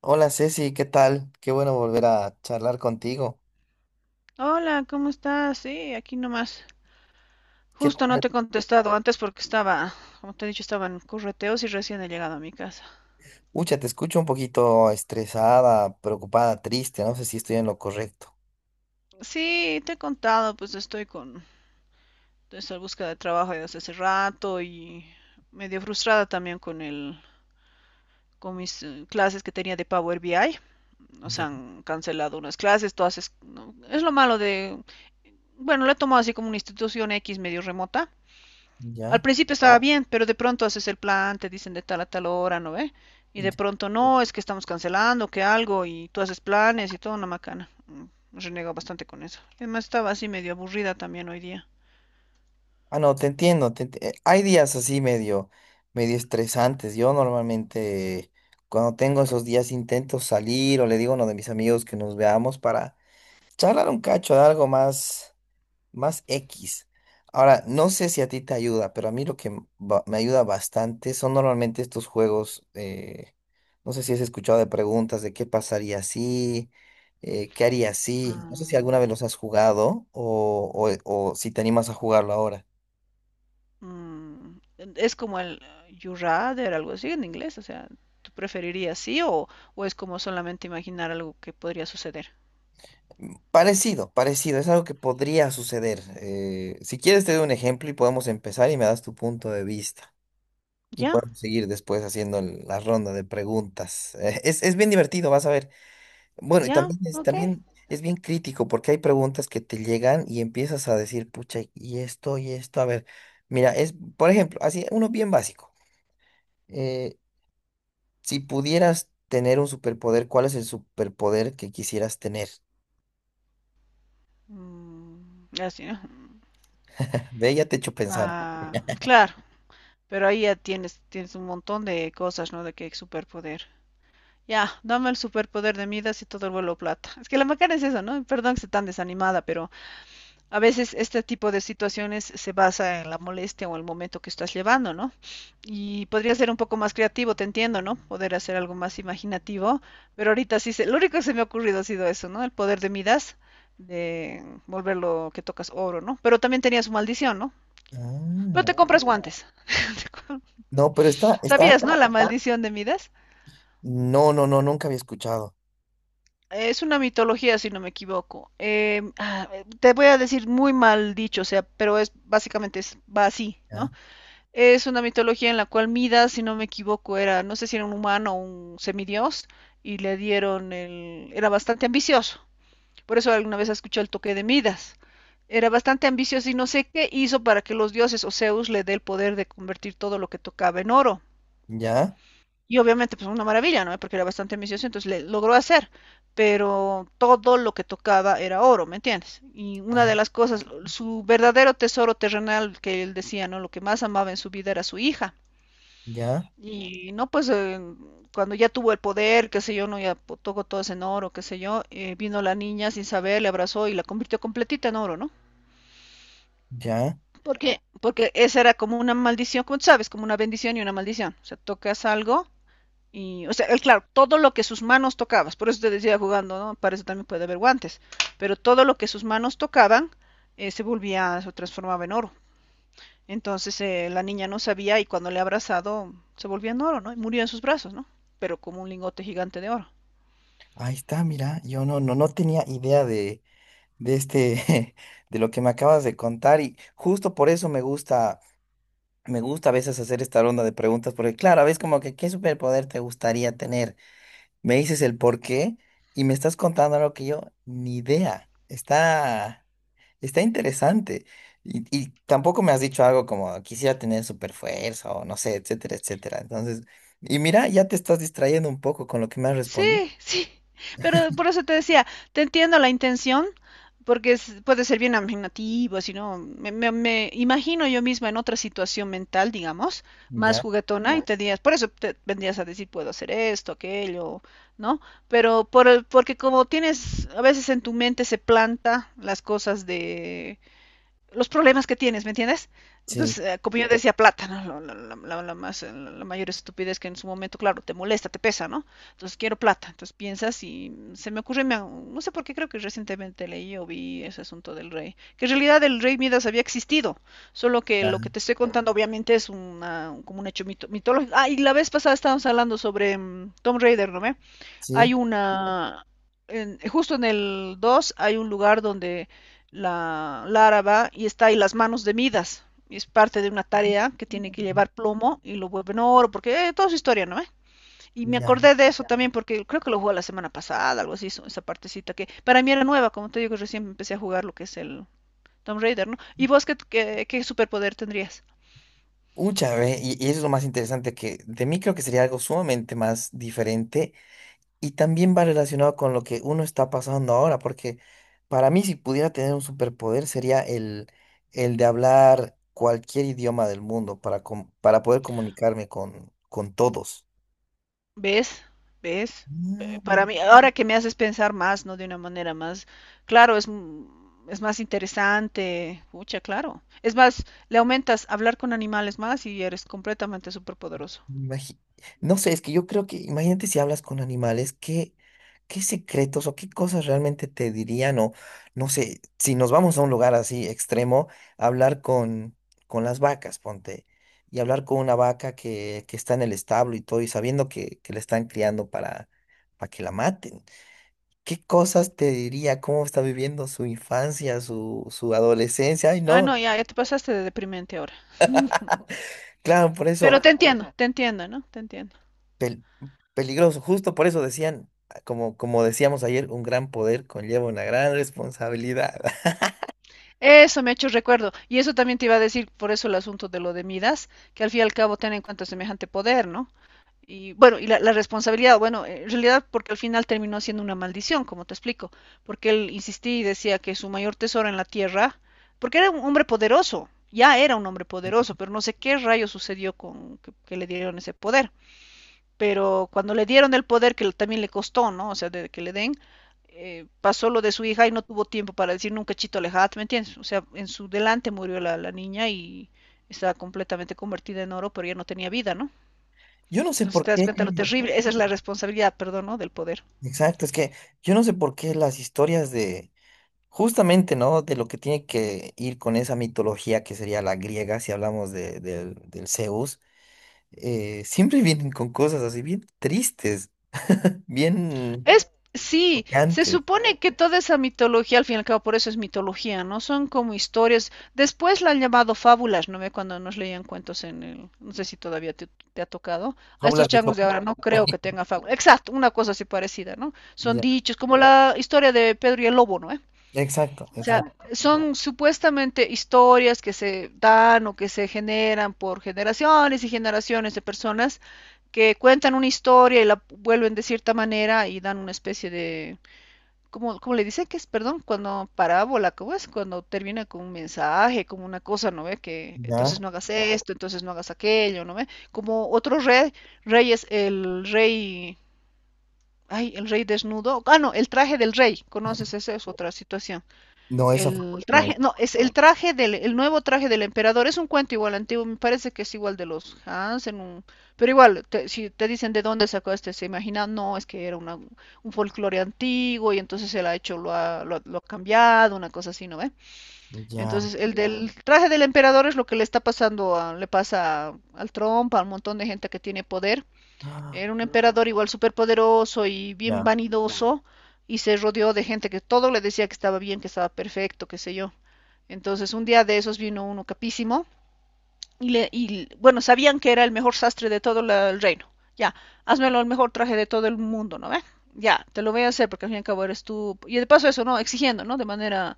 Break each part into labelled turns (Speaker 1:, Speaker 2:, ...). Speaker 1: Hola Ceci, ¿qué tal? Qué bueno volver a charlar contigo.
Speaker 2: Hola, ¿cómo estás? Sí, aquí nomás.
Speaker 1: ¿Qué
Speaker 2: Justo no
Speaker 1: tal?
Speaker 2: te he contestado antes porque estaba, como te he dicho, estaba en correteos y recién he llegado a mi casa.
Speaker 1: Ucha, te escucho un poquito estresada, preocupada, triste. No sé si estoy en lo correcto.
Speaker 2: Sí, te he contado, pues estoy con esa búsqueda de trabajo desde hace rato y medio frustrada también con el, con mis clases que tenía de Power BI. Nos
Speaker 1: Ya,
Speaker 2: han cancelado unas clases, todas es, no, es lo malo de, bueno, lo he tomado así como una institución X medio remota. Al
Speaker 1: ya.
Speaker 2: principio estaba bien, pero de pronto haces el plan, te dicen de tal a tal hora, ¿no ve? Y
Speaker 1: Ya.
Speaker 2: de pronto no, es que estamos cancelando, que algo, y tú haces planes y todo, una macana. Renego bastante con eso. Además estaba así medio aburrida también hoy día.
Speaker 1: Ah, no, te entiendo. Hay días así medio, medio estresantes. Yo normalmente cuando tengo esos días intento salir o le digo a uno de mis amigos que nos veamos para charlar un cacho de algo más. Más X. Ahora, no sé si a ti te ayuda, pero a mí lo que me ayuda bastante son normalmente estos juegos, no sé si has escuchado de preguntas de qué pasaría si, qué haría si, no sé si alguna
Speaker 2: Ah,
Speaker 1: vez los has jugado o o si te animas a jugarlo ahora.
Speaker 2: mm, es como el you rather, algo así en inglés, o sea, ¿tú preferirías sí o es como solamente imaginar algo que podría suceder?
Speaker 1: Parecido, parecido, es algo que podría suceder. Si quieres te doy un ejemplo y podemos empezar y me das tu punto de vista. Y
Speaker 2: Ya,
Speaker 1: podemos seguir después haciendo la ronda de preguntas. Es bien divertido, vas a ver. Bueno, y
Speaker 2: ya, ok.
Speaker 1: también es bien crítico porque hay preguntas que te llegan y empiezas a decir, pucha, y esto, y esto. A ver, mira, es, por ejemplo, así, uno bien básico. Eh, si pudieras tener un superpoder, ¿cuál es el superpoder que quisieras tener?
Speaker 2: Mm, así, ¿no?
Speaker 1: Ve, ya te he hecho pensar.
Speaker 2: Ah, claro, pero ahí ya tienes, tienes un montón de cosas, ¿no? De que hay superpoder. Ya, dame el superpoder de Midas y todo el vuelo plata. Es que la macana es eso, ¿no? Perdón que esté tan desanimada, pero a veces este tipo de situaciones se basa en la molestia o el momento que estás llevando, ¿no? Y podría ser un poco más creativo, te entiendo, ¿no? Poder hacer algo más imaginativo, pero ahorita sí, se, lo único que se me ha ocurrido ha sido eso, ¿no? El poder de Midas, de volver lo que tocas oro, ¿no? Pero también tenía su maldición, ¿no? Pero te
Speaker 1: Ah,
Speaker 2: compras guantes. Te compras.
Speaker 1: no, pero está, está,
Speaker 2: ¿Sabías, no? La maldición de Midas.
Speaker 1: no, no, no, nunca había escuchado.
Speaker 2: Es una mitología, si no me equivoco. Te voy a decir muy mal dicho, o sea, pero es básicamente es, va así,
Speaker 1: Ya,
Speaker 2: ¿no? Es una mitología en la cual Midas, si no me equivoco, era, no sé si era un humano o un semidios, y le dieron el... era bastante ambicioso. Por eso alguna vez escuchado el toque de Midas. Era bastante ambicioso y no sé qué hizo para que los dioses o Zeus le dé el poder de convertir todo lo que tocaba en oro.
Speaker 1: ya,
Speaker 2: Y obviamente, pues una maravilla, ¿no? Porque era bastante ambicioso, entonces le logró hacer, pero todo lo que tocaba era oro, ¿me entiendes? Y una de
Speaker 1: ah,
Speaker 2: las cosas, su verdadero tesoro terrenal que él decía, ¿no? Lo que más amaba en su vida era su hija.
Speaker 1: ya,
Speaker 2: Y no, pues cuando ya tuvo el poder, qué sé yo, no, ya tocó todo en oro, qué sé yo, vino la niña sin saber, le abrazó y la convirtió completita en oro, ¿no?
Speaker 1: ya.
Speaker 2: Porque, porque esa era como una maldición, como tú sabes, como una bendición y una maldición. O sea, tocas algo. Y, o sea, él, claro, todo lo que sus manos tocaban, por eso te decía jugando, ¿no? Para eso también puede haber guantes, pero todo lo que sus manos tocaban se volvía, se transformaba en oro. Entonces la niña no sabía y cuando le ha abrazado se volvía en oro, ¿no? Y murió en sus brazos, ¿no? Pero como un lingote gigante de oro.
Speaker 1: Ahí está, mira, yo no tenía idea de este, de lo que me acabas de contar y justo por eso me gusta a veces hacer esta ronda de preguntas porque claro, a veces como que qué superpoder te gustaría tener. Me dices el por qué y me estás contando algo que yo ni idea. Está, está interesante. Y tampoco me has dicho algo como quisiera tener superfuerza o no sé, etcétera, etcétera. Entonces, y mira, ya te estás distrayendo un poco con lo que me has
Speaker 2: Sí,
Speaker 1: respondido.
Speaker 2: sí, pero por eso te decía, te entiendo la intención, porque puede ser bien imaginativa, si no, me imagino yo misma en otra situación mental, digamos, más
Speaker 1: Ya,
Speaker 2: juguetona, y te dirías, por eso te vendrías a decir, puedo hacer esto, aquello, ¿no? Pero por, porque como tienes, a veces en tu mente se planta las cosas de los problemas que tienes, ¿me entiendes?
Speaker 1: sí,
Speaker 2: Entonces, como yo decía, plata, ¿no? La más, la mayor estupidez que en su momento, claro, te molesta, te pesa, ¿no? Entonces, quiero plata. Entonces, piensas y se me ocurre, me, no sé por qué, creo que recientemente leí o vi ese asunto del rey. Que en realidad el rey Midas había existido, solo que
Speaker 1: ya,
Speaker 2: lo que te estoy contando obviamente es una, como un hecho mito, mitológico. Ah, y la vez pasada estábamos hablando sobre Tom Raider, ¿no? ¿Ve?
Speaker 1: sí,
Speaker 2: Hay una, justo en el 2 hay un lugar donde la Lara va y está ahí las manos de Midas. Y es parte de una tarea que tiene que llevar plomo y lo vuelven oro, porque toda su historia, ¿no? ¿Eh? Y me
Speaker 1: ya.
Speaker 2: acordé de eso también porque creo que lo jugué la semana pasada, algo así, esa partecita que para mí era nueva, como te digo, recién empecé a jugar lo que es el Tomb Raider, ¿no? ¿Y vos qué superpoder tendrías?
Speaker 1: Mucha, ve, y eso es lo más interesante, que de mí creo que sería algo sumamente más diferente y también va relacionado con lo que uno está pasando ahora, porque para mí si pudiera tener un superpoder sería el de hablar cualquier idioma del mundo para, para poder comunicarme con todos.
Speaker 2: ¿Ves? ¿Ves? Para mí, ahora que me haces pensar más, ¿no? De una manera más, claro, es, es más interesante, pucha, claro. Es más, le aumentas hablar con animales más y eres completamente superpoderoso.
Speaker 1: Imagi- No sé, es que yo creo que, imagínate si hablas con animales, ¿qué, qué secretos o qué cosas realmente te dirían? O no sé, si nos vamos a un lugar así extremo, hablar con las vacas, ponte, y hablar con una vaca que está en el establo y todo, y sabiendo que la están criando para que la maten. ¿Qué cosas te diría? ¿Cómo está viviendo su infancia, su adolescencia? Ay,
Speaker 2: Ah,
Speaker 1: no,
Speaker 2: no, ya, ya te pasaste de deprimente ahora.
Speaker 1: claro, por eso.
Speaker 2: Pero te entiendo, ¿no? Te entiendo.
Speaker 1: Pel- peligroso. Justo por eso decían, ah, como, como decíamos ayer, un gran poder conlleva una gran responsabilidad.
Speaker 2: Eso me ha hecho recuerdo. Y eso también te iba a decir, por eso el asunto de lo de Midas, que al fin y al cabo ten en cuenta semejante poder, ¿no? Y bueno, y la responsabilidad, bueno, en realidad porque al final terminó siendo una maldición, como te explico, porque él insistía y decía que su mayor tesoro en la tierra, porque era un hombre poderoso, ya era un hombre poderoso, pero no sé qué rayo sucedió con que le dieron ese poder. Pero cuando le dieron el poder, que también le costó, ¿no? O sea, de que le den, pasó lo de su hija y no tuvo tiempo para decir nunca chito alejat, ¿me entiendes? O sea, en su delante murió la niña y estaba completamente convertida en oro, pero ya no tenía vida, ¿no?
Speaker 1: Yo no sé
Speaker 2: Entonces
Speaker 1: por
Speaker 2: te
Speaker 1: qué,
Speaker 2: das cuenta lo terrible, esa es la responsabilidad, perdón, ¿no? Del poder.
Speaker 1: exacto, es que yo no sé por qué las historias de, justamente, ¿no? De lo que tiene que ir con esa mitología que sería la griega, si hablamos de, del Zeus, siempre vienen con cosas así bien tristes, bien
Speaker 2: Es, sí, se
Speaker 1: chocantes.
Speaker 2: supone que toda esa mitología, al fin y al cabo, por eso es mitología, ¿no? Son como historias, después la han llamado fábulas, ¿no? Ve, cuando nos leían cuentos en el, no sé si todavía te, te ha tocado, a estos
Speaker 1: Fábulas de
Speaker 2: changos de
Speaker 1: Sopo.
Speaker 2: ahora no creo que tengan fábulas, exacto, una cosa así parecida, ¿no? Son
Speaker 1: Ya.
Speaker 2: dichos, como la historia de Pedro y el Lobo, ¿no? ¿Eh?
Speaker 1: Exacto,
Speaker 2: O sea,
Speaker 1: exacto.
Speaker 2: son supuestamente historias que se dan o que se generan por generaciones y generaciones de personas que cuentan una historia y la vuelven de cierta manera y dan una especie de... cómo le dicen que es? Perdón, cuando parábola, ¿cómo es? Cuando termina con un mensaje, como una cosa, ¿no ve? Que entonces
Speaker 1: Ya.
Speaker 2: no hagas esto, entonces no hagas aquello, ¿no ve? Como otro rey, rey es el rey... Ay, el rey desnudo. Ah, no, el traje del rey. ¿Conoces? Esa es otra situación.
Speaker 1: No, esa
Speaker 2: El
Speaker 1: fábula, no,
Speaker 2: traje, no, es el traje del el nuevo traje del emperador. Es un cuento igual antiguo, me parece que es igual de los Hansen. Pero igual, si te dicen de dónde sacó este, se imagina, no, es que era un folclore antiguo y entonces él ha hecho, lo ha, lo, lo ha cambiado, una cosa así, ¿no ve?
Speaker 1: ya.
Speaker 2: Entonces, el del traje del emperador es lo que le está pasando, le pasa al Trump, al montón de gente que tiene poder.
Speaker 1: Ah,
Speaker 2: Era un emperador igual súper poderoso y bien
Speaker 1: ya,
Speaker 2: vanidoso y se rodeó de gente que todo le decía que estaba bien, que estaba perfecto, qué sé yo. Entonces un día de esos vino uno capísimo y, le, y bueno, sabían que era el mejor sastre de todo la, el reino. Ya, házmelo el mejor traje de todo el mundo, ¿no ve? Ya, te lo voy a hacer porque al fin y al cabo eres tú. Y de paso eso, ¿no? Exigiendo, ¿no? De manera,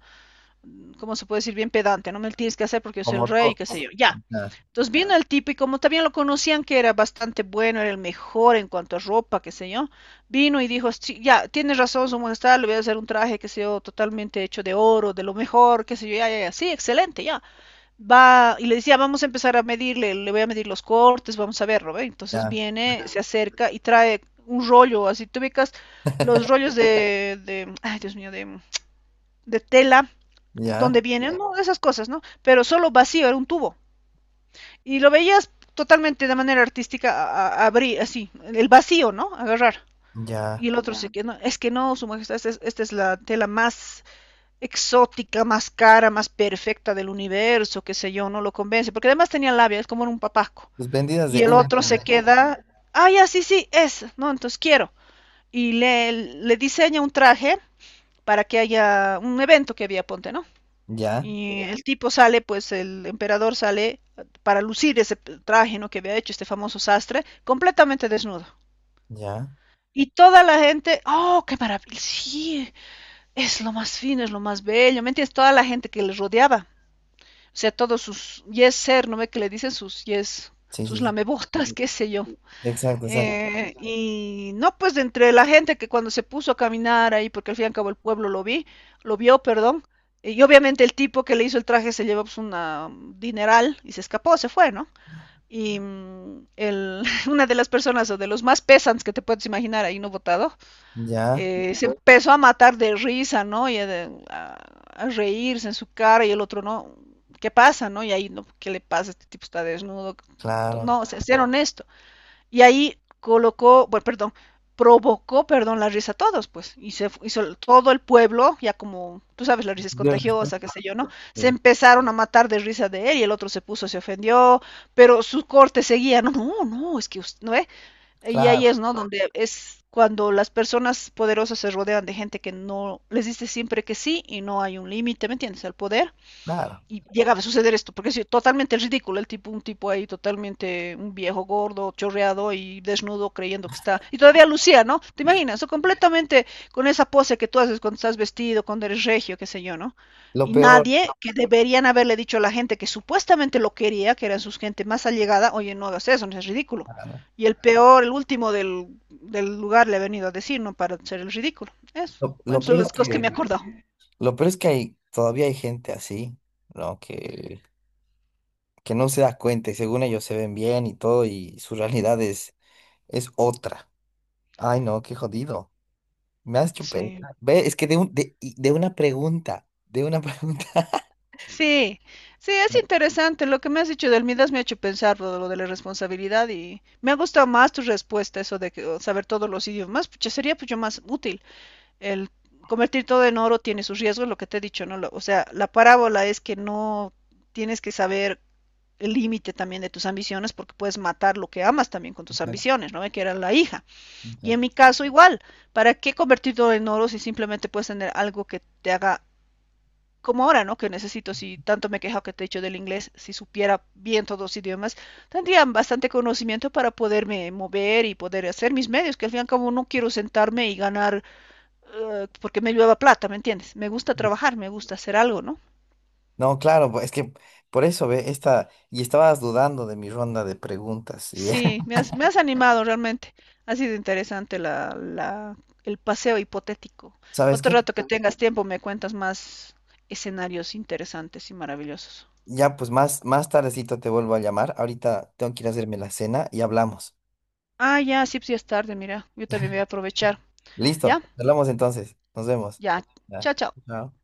Speaker 2: ¿cómo se puede decir? Bien pedante, ¿no? Me lo tienes que hacer porque yo soy
Speaker 1: como
Speaker 2: el rey, qué sé
Speaker 1: todos.
Speaker 2: yo. Ya.
Speaker 1: Ya,
Speaker 2: Entonces vino el tipo y como también lo conocían que era bastante bueno, era el mejor en cuanto a ropa, qué sé yo, vino y dijo, "Sí, ya, tienes razón, su majestad, le voy a hacer un traje, qué sé yo, totalmente hecho de oro, de lo mejor, qué sé yo, ya, ya, ya, sí, excelente, ya va y le decía, vamos a empezar a medirle, le voy a medir los cortes, vamos a verlo, ¿ve? Entonces
Speaker 1: ya,
Speaker 2: viene, se acerca y trae un rollo, así te ubicas los rollos de ay Dios mío, de tela,
Speaker 1: ya,
Speaker 2: donde vienen, ¿no? esas cosas, ¿no? Pero solo vacío, era un tubo. Y lo veías totalmente de manera artística abrir así, el vacío, ¿no? Agarrar.
Speaker 1: ya.
Speaker 2: Y el otro, se que no, es que no, su majestad, esta es la tela más exótica, más cara, más perfecta del universo, qué sé yo. No lo convence, porque además tenía labia, es como un papaco.
Speaker 1: Sus vendidas
Speaker 2: Y
Speaker 1: de
Speaker 2: el
Speaker 1: humo.
Speaker 2: otro se
Speaker 1: Ya,
Speaker 2: queda, ah, ya, sí, sí, es, no, entonces quiero. Y le diseña un traje para que haya un evento que había, ponte, ¿no?
Speaker 1: ya,
Speaker 2: Y el tipo sale, pues el emperador sale para lucir ese traje, ¿no? Que había hecho este famoso sastre, completamente desnudo.
Speaker 1: ya.
Speaker 2: Y toda la gente, oh, qué maravilla, sí, es lo más fino, es lo más bello, ¿me entiendes? Toda la gente que les rodeaba. O sea, todos sus yes ser, ¿no ve que le dicen sus yes,
Speaker 1: Sí,
Speaker 2: sus
Speaker 1: sí, sí.
Speaker 2: lamebotas, qué sé yo?
Speaker 1: Exacto, exacto.
Speaker 2: Y no, pues entre la gente, que cuando se puso a caminar ahí, porque al fin y al cabo el pueblo lo vio, perdón, y obviamente el tipo que le hizo el traje se llevó, pues, una dineral y se escapó, se fue, ¿no? Y el, una de las personas o de los más pesantes que te puedes imaginar ahí no votado,
Speaker 1: Ya,
Speaker 2: se empezó a matar de risa, ¿no? Y a reírse en su cara, y el otro no. ¿Qué pasa, no? Y ahí, no, ¿qué le pasa? Este tipo está desnudo.
Speaker 1: claro.
Speaker 2: No, se ser honesto. Y ahí provocó, perdón, la risa a todos, pues. Y se fu- hizo el- todo el pueblo, ya como, tú sabes, la risa es
Speaker 1: Yo res-
Speaker 2: contagiosa, qué sé yo, ¿no? Se
Speaker 1: sí,
Speaker 2: empezaron a matar de risa de él, y el otro se puso, se ofendió, pero su corte seguía. No, no, no, es que usted, ¿no ve? Y ahí
Speaker 1: claro,
Speaker 2: es, ¿no?, donde es cuando las personas poderosas se rodean de gente que no les dice siempre que sí y no hay un límite, ¿me entiendes? Al poder.
Speaker 1: claro.
Speaker 2: Y llegaba a suceder esto, porque es totalmente ridículo el tipo, un tipo ahí totalmente, un viejo gordo, chorreado y desnudo, creyendo que está, y todavía lucía, ¿no? ¿Te imaginas? O completamente con esa pose que tú haces cuando estás vestido, cuando eres regio, qué sé yo, ¿no?
Speaker 1: Lo
Speaker 2: Y
Speaker 1: peor,
Speaker 2: nadie, que deberían haberle dicho a la gente que supuestamente lo quería, que eran sus gente más allegada, oye, no hagas eso, no es ridículo.
Speaker 1: claro.
Speaker 2: Y el peor, el último del lugar, le ha venido a decir, ¿no?, para ser el ridículo. Eso. Bueno,
Speaker 1: Lo
Speaker 2: son
Speaker 1: peor es
Speaker 2: las cosas que me he
Speaker 1: que,
Speaker 2: acordado.
Speaker 1: lo peor es que hay, todavía hay gente así, ¿no? Que no se da cuenta y según ellos se ven bien y todo y su realidad es otra. Ay, no, qué jodido. Me has hecho
Speaker 2: Sí.
Speaker 1: pensar. Ve, es que de, un, de, y de una pregunta, de una pregunta.
Speaker 2: Sí, sí, es
Speaker 1: No,
Speaker 2: interesante. Lo que me has dicho del Midas me ha hecho pensar lo de la responsabilidad, y me ha gustado más tu respuesta, eso de que, o, saber todos los idiomas, pucha, sería pucha más útil. El convertir todo en oro tiene sus riesgos, lo que te he dicho, ¿no? Lo- o sea, la parábola es que no tienes que saber el límite también de tus ambiciones, porque puedes matar lo que amas también con tus
Speaker 1: exacto,
Speaker 2: ambiciones, ¿no? Que era la hija. Y en
Speaker 1: exacto.
Speaker 2: mi caso igual, ¿para qué convertir todo en oro si simplemente puedes tener algo que te haga como ahora, ¿no? Que necesito, si tanto me quejo, que te he dicho del inglés, si supiera bien todos los idiomas, tendría bastante conocimiento para poderme mover y poder hacer mis medios, que al fin y al cabo no quiero sentarme y ganar porque me llueva plata, ¿me entiendes? Me gusta
Speaker 1: Sí.
Speaker 2: trabajar, me gusta hacer algo, ¿no?
Speaker 1: No, claro, pues, es que por eso, ve, esta, y estabas dudando de mi ronda de preguntas. Y
Speaker 2: Sí, me has animado realmente. Ha sido interesante el paseo hipotético.
Speaker 1: ¿Sabes
Speaker 2: Otro
Speaker 1: qué?
Speaker 2: rato que tengas tiempo me cuentas más escenarios interesantes y maravillosos.
Speaker 1: Ya, pues más, más tardecito te vuelvo a llamar. Ahorita tengo que ir a hacerme la cena y hablamos.
Speaker 2: Ah, ya, sí, pues ya es tarde, mira, yo también voy a aprovechar.
Speaker 1: Listo,
Speaker 2: ¿Ya?
Speaker 1: hablamos entonces. Nos vemos.
Speaker 2: Ya,
Speaker 1: Ya.
Speaker 2: chao, chao.
Speaker 1: Chao.